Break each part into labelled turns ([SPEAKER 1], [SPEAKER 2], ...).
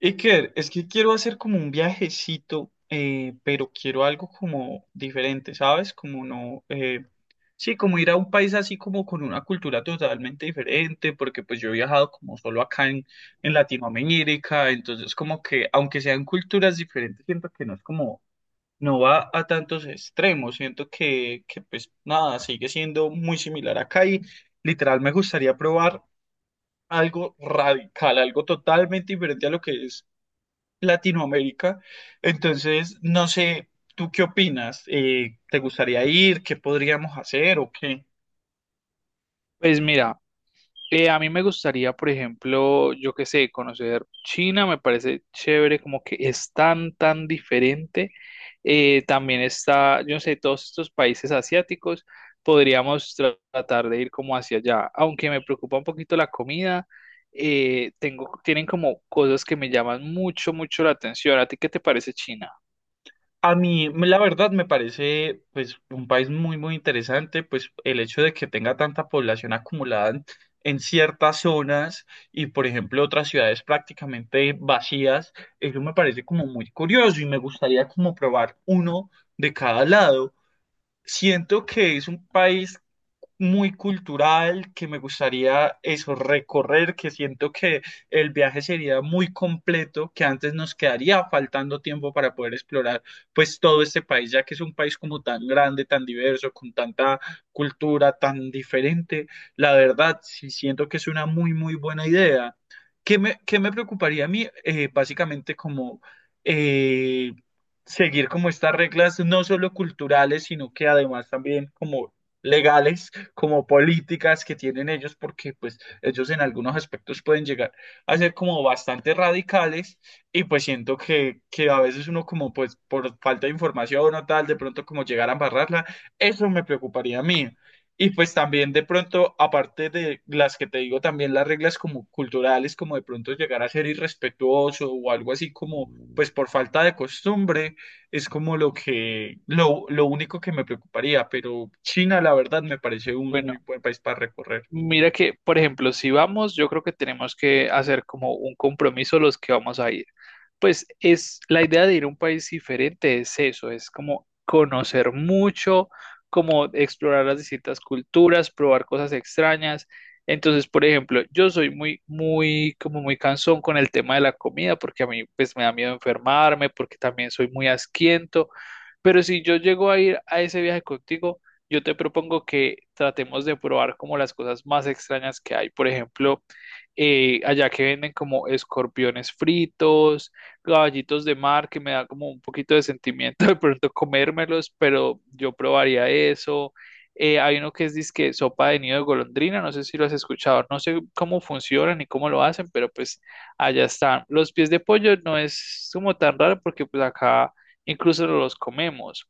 [SPEAKER 1] Iker, es que quiero hacer como un viajecito, pero quiero algo como diferente, ¿sabes? Como no, sí, como ir a un país así como con una cultura totalmente diferente, porque pues yo he viajado como solo acá en Latinoamérica, entonces como que aunque sean culturas diferentes, siento que no es como, no va a tantos extremos, siento que pues nada, sigue siendo muy similar acá y literal me gustaría probar algo radical, algo totalmente diferente a lo que es Latinoamérica. Entonces, no sé, ¿tú qué opinas? ¿Te gustaría ir? ¿Qué podríamos hacer o qué?
[SPEAKER 2] Pues mira, a mí me gustaría, por ejemplo, yo qué sé, conocer China, me parece chévere, como que es tan, tan diferente. También está, yo no sé, todos estos países asiáticos, podríamos tratar de ir como hacia allá, aunque me preocupa un poquito la comida, tengo, tienen como cosas que me llaman mucho, mucho la atención. ¿A ti qué te parece China?
[SPEAKER 1] A mí, la verdad, me parece pues un país muy, muy interesante, pues el hecho de que tenga tanta población acumulada en ciertas zonas y, por ejemplo, otras ciudades prácticamente vacías, eso me parece como muy curioso y me gustaría como probar uno de cada lado. Siento que es un país muy cultural, que me gustaría eso, recorrer, que siento que el viaje sería muy completo, que antes nos quedaría faltando tiempo para poder explorar pues todo este país, ya que es un país como tan grande, tan diverso, con tanta cultura tan diferente. La verdad, sí siento que es una muy, muy buena idea. ¿Qué qué me preocuparía a mí? Básicamente como... eh, seguir como estas reglas no solo culturales, sino que además también como legales como políticas que tienen ellos, porque pues ellos en algunos aspectos pueden llegar a ser como bastante radicales y pues siento que a veces uno como pues por falta de información o tal, de pronto como llegar a embarrarla, eso me preocuparía a mí. Y pues también de pronto, aparte de las que te digo, también las reglas como culturales, como de pronto llegar a ser irrespetuoso o algo así como pues por falta de costumbre es como lo que, lo único que me preocuparía, pero China, la verdad, me parece un muy
[SPEAKER 2] Bueno,
[SPEAKER 1] buen país para recorrer.
[SPEAKER 2] mira que, por ejemplo, si vamos, yo creo que tenemos que hacer como un compromiso los que vamos a ir. Pues es la idea de ir a un país diferente, es eso, es como conocer mucho, como explorar las distintas culturas, probar cosas extrañas. Entonces, por ejemplo, yo soy muy, muy, como muy cansón con el tema de la comida, porque a mí pues me da miedo enfermarme, porque también soy muy asquiento. Pero si yo llego a ir a ese viaje contigo, yo te propongo que tratemos de probar como las cosas más extrañas que hay. Por ejemplo, allá que venden como escorpiones fritos, caballitos de mar que me da como un poquito de sentimiento de pronto comérmelos, pero yo probaría eso. Hay uno que es disque sopa de nido de golondrina, no sé si lo has escuchado, no sé cómo funcionan ni cómo lo hacen, pero pues allá están. Los pies de pollo no es como tan raro porque pues acá incluso los comemos.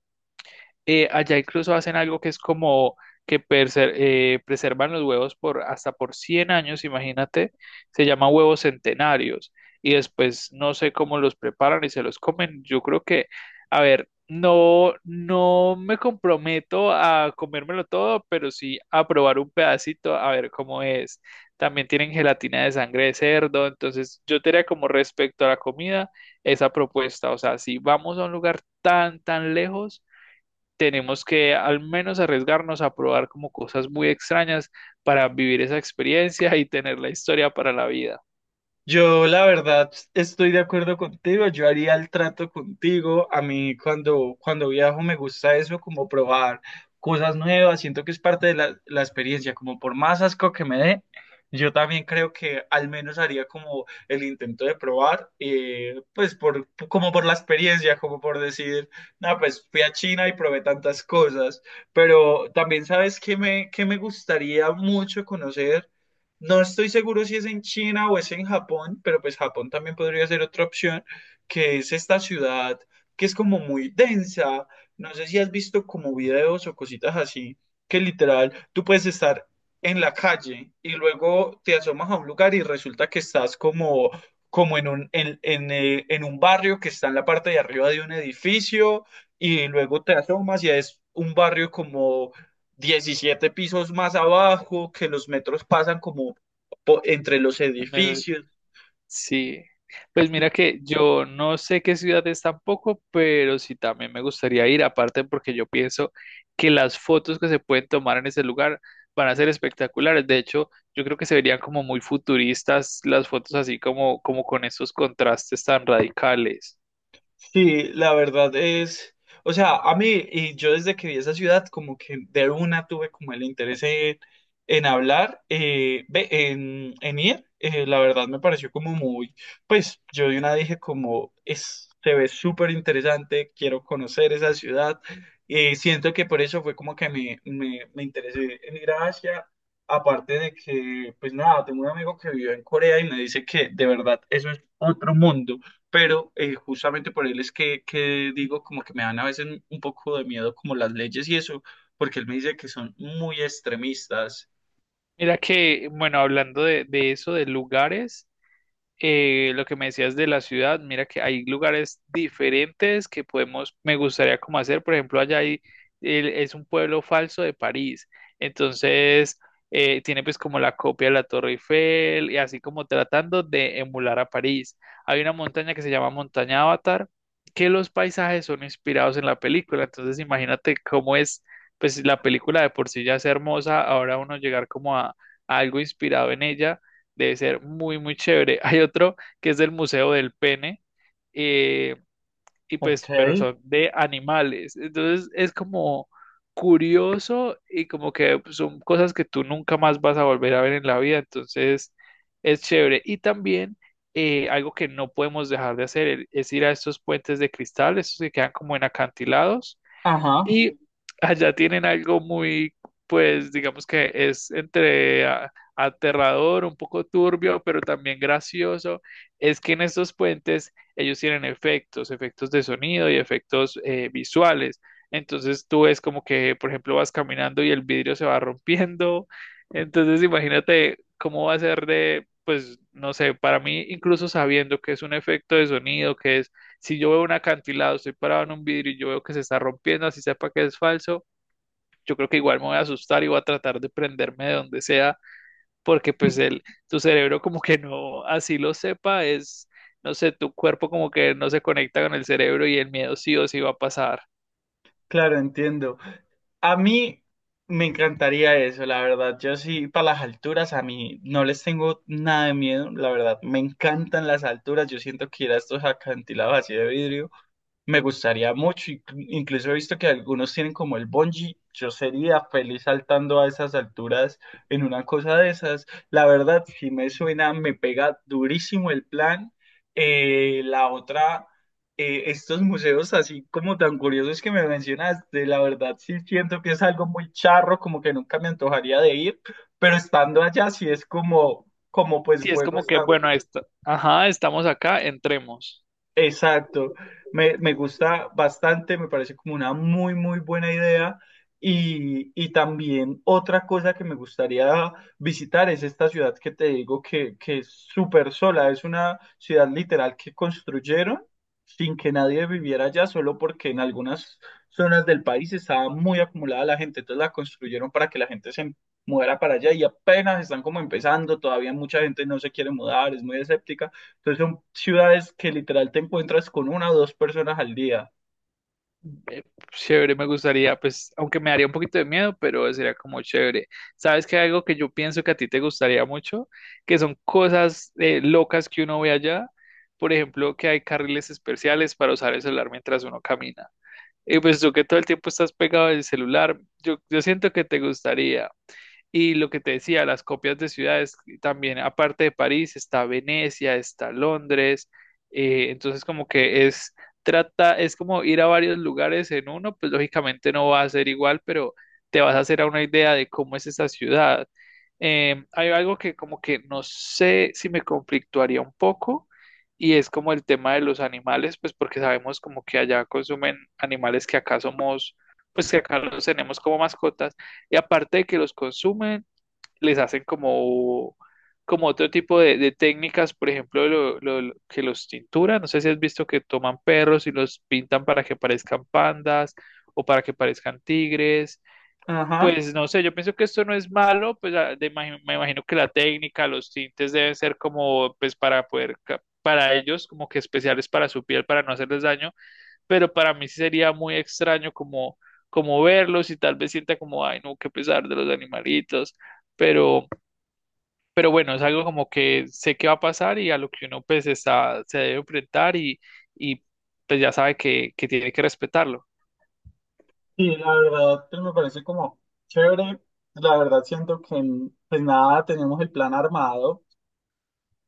[SPEAKER 2] Allá incluso hacen algo que es como que preservan los huevos por hasta por 100 años, imagínate, se llama huevos centenarios y después no sé cómo los preparan y se los comen. Yo creo que, a ver, no, no me comprometo a comérmelo todo, pero sí a probar un pedacito, a ver cómo es. También tienen gelatina de sangre de cerdo, entonces yo te diría como respecto a la comida esa propuesta, o sea, si vamos a un lugar tan, tan lejos, tenemos que al menos arriesgarnos a probar como cosas muy extrañas para vivir esa experiencia y tener la historia para la vida.
[SPEAKER 1] Yo la verdad estoy de acuerdo contigo, yo haría el trato contigo. A mí cuando viajo me gusta eso, como probar cosas nuevas, siento que es parte de la experiencia, como por más asco que me dé, yo también creo que al menos haría como el intento de probar, pues por, como por la experiencia, como por decir, no, pues fui a China y probé tantas cosas, pero también sabes que que me gustaría mucho conocer. No estoy seguro si es en China o es en Japón, pero pues Japón también podría ser otra opción, que es esta ciudad que es como muy densa. No sé si has visto como videos o cositas así, que literal tú puedes estar en la calle y luego te asomas a un lugar y resulta que estás como, como en un, en un barrio que está en la parte de arriba de un edificio y luego te asomas y es un barrio como 17 pisos más abajo, que los metros pasan como entre los
[SPEAKER 2] Me-
[SPEAKER 1] edificios.
[SPEAKER 2] Sí, pues mira que yo no sé qué ciudad es tampoco, pero sí también me gustaría ir, aparte porque yo pienso que las fotos que se pueden tomar en ese lugar van a ser espectaculares. De hecho, yo creo que se verían como muy futuristas las fotos así como, como con esos contrastes tan radicales.
[SPEAKER 1] Sí, la verdad es, o sea, a mí y yo desde que vi esa ciudad como que de una tuve como el interés en hablar, en ir, la verdad me pareció como muy, pues yo de una dije como es, se ve súper interesante, quiero conocer esa ciudad y siento que por eso fue como que me interesé en ir a Asia, aparte de que, pues nada, tengo un amigo que vive en Corea y me dice que de verdad eso es otro mundo, pero justamente por él es que digo como que me dan a veces un poco de miedo como las leyes y eso, porque él me dice que son muy extremistas.
[SPEAKER 2] Mira que, bueno, hablando de eso, de lugares. Lo que me decías de la ciudad, mira que hay lugares diferentes que podemos, me gustaría como hacer, por ejemplo, allá hay, es un pueblo falso de París, entonces tiene pues como la copia de la Torre Eiffel y así como tratando de emular a París. Hay una montaña que se llama Montaña Avatar, que los paisajes son inspirados en la película, entonces imagínate cómo es, pues la película de por sí ya es hermosa, ahora uno llegar como a algo inspirado en ella. Debe ser muy, muy chévere. Hay otro que es del Museo del Pene, eh, y
[SPEAKER 1] Ok,
[SPEAKER 2] pues, pero son de animales. Entonces es como curioso y como que pues, son cosas que tú nunca más vas a volver a ver en la vida. Entonces es chévere. Y también algo que no podemos dejar de hacer es ir a estos puentes de cristal, estos que quedan como en acantilados.
[SPEAKER 1] ajá,
[SPEAKER 2] Y allá tienen algo muy, pues digamos que es entre aterrador, un poco turbio, pero también gracioso, es que en estos puentes ellos tienen efectos, efectos de sonido y efectos visuales. Entonces tú ves como que, por ejemplo, vas caminando y el vidrio se va rompiendo. Entonces imagínate cómo va a ser de, pues, no sé, para mí, incluso sabiendo que es un efecto de sonido, que es, si yo veo un acantilado, estoy parado en un vidrio y yo veo que se está rompiendo, así sepa que es falso, yo creo que igual me voy a asustar y voy a tratar de prenderme de donde sea, porque pues el, tu cerebro como que no, así lo sepa, es, no sé, tu cuerpo como que no se conecta con el cerebro y el miedo sí o sí va a pasar.
[SPEAKER 1] claro, entiendo. A mí me encantaría eso, la verdad. Yo sí, para las alturas, a mí no les tengo nada de miedo, la verdad. Me encantan las alturas. Yo siento que ir a estos acantilados así de vidrio. Me gustaría mucho, incluso he visto que algunos tienen como el bungee. Yo sería feliz saltando a esas alturas en una cosa de esas. La verdad, si me suena, me pega durísimo el plan. La otra, estos museos así como tan curiosos que me mencionaste, la verdad sí siento que es algo muy charro, como que nunca me antojaría de ir, pero estando allá sí es como, como pues
[SPEAKER 2] Sí, es
[SPEAKER 1] bueno,
[SPEAKER 2] como que,
[SPEAKER 1] está.
[SPEAKER 2] bueno, esto, ajá, estamos acá, entremos.
[SPEAKER 1] Exacto, me gusta bastante, me parece como una muy, muy buena idea. Y también otra cosa que me gustaría visitar es esta ciudad que te digo que es súper sola, es una ciudad literal que construyeron sin que nadie viviera allá, solo porque en algunas zonas del país estaba muy acumulada la gente, entonces la construyeron para que la gente se mudara para allá y apenas están como empezando, todavía mucha gente no se quiere mudar, es muy escéptica, entonces son ciudades que literal te encuentras con 1 o 2 personas al día.
[SPEAKER 2] Eh, Chévere, me gustaría, pues, aunque me daría un poquito de miedo, pero sería como chévere. ¿Sabes que hay algo que yo pienso que a ti te gustaría mucho? Que son cosas locas que uno ve allá. Por ejemplo, que hay carriles especiales para usar el celular mientras uno camina. Y pues tú que todo el tiempo estás pegado al celular, yo siento que te gustaría. Y lo que te decía, las copias de ciudades también, aparte de París, está Venecia, está Londres, entonces como que es, trata, es como ir a varios lugares en uno, pues lógicamente no va a ser igual, pero te vas a hacer a una idea de cómo es esa ciudad. Hay algo que como que no sé si me conflictuaría un poco, y es como el tema de los animales, pues porque sabemos como que allá consumen animales que acá somos, pues que acá los tenemos como mascotas, y aparte de que los consumen, les hacen como, como otro tipo de técnicas, por ejemplo, que los tinturan. No sé si has visto que toman perros y los pintan para que parezcan pandas o para que parezcan tigres.
[SPEAKER 1] Ajá.
[SPEAKER 2] Pues no sé, yo pienso que esto no es malo, pues ah, de me imagino que la técnica, los tintes deben ser como, pues para poder, para ellos como que especiales para su piel, para no hacerles daño, pero para mí sí sería muy extraño como, como verlos y tal vez sienta como, ay, no, qué pesar de los animalitos, pero, pero bueno, es algo como que sé que va a pasar y a lo que uno pues está, se debe enfrentar y pues ya sabe que tiene que respetarlo.
[SPEAKER 1] Y la verdad, pues me parece como chévere. La verdad, siento que pues nada, tenemos el plan armado.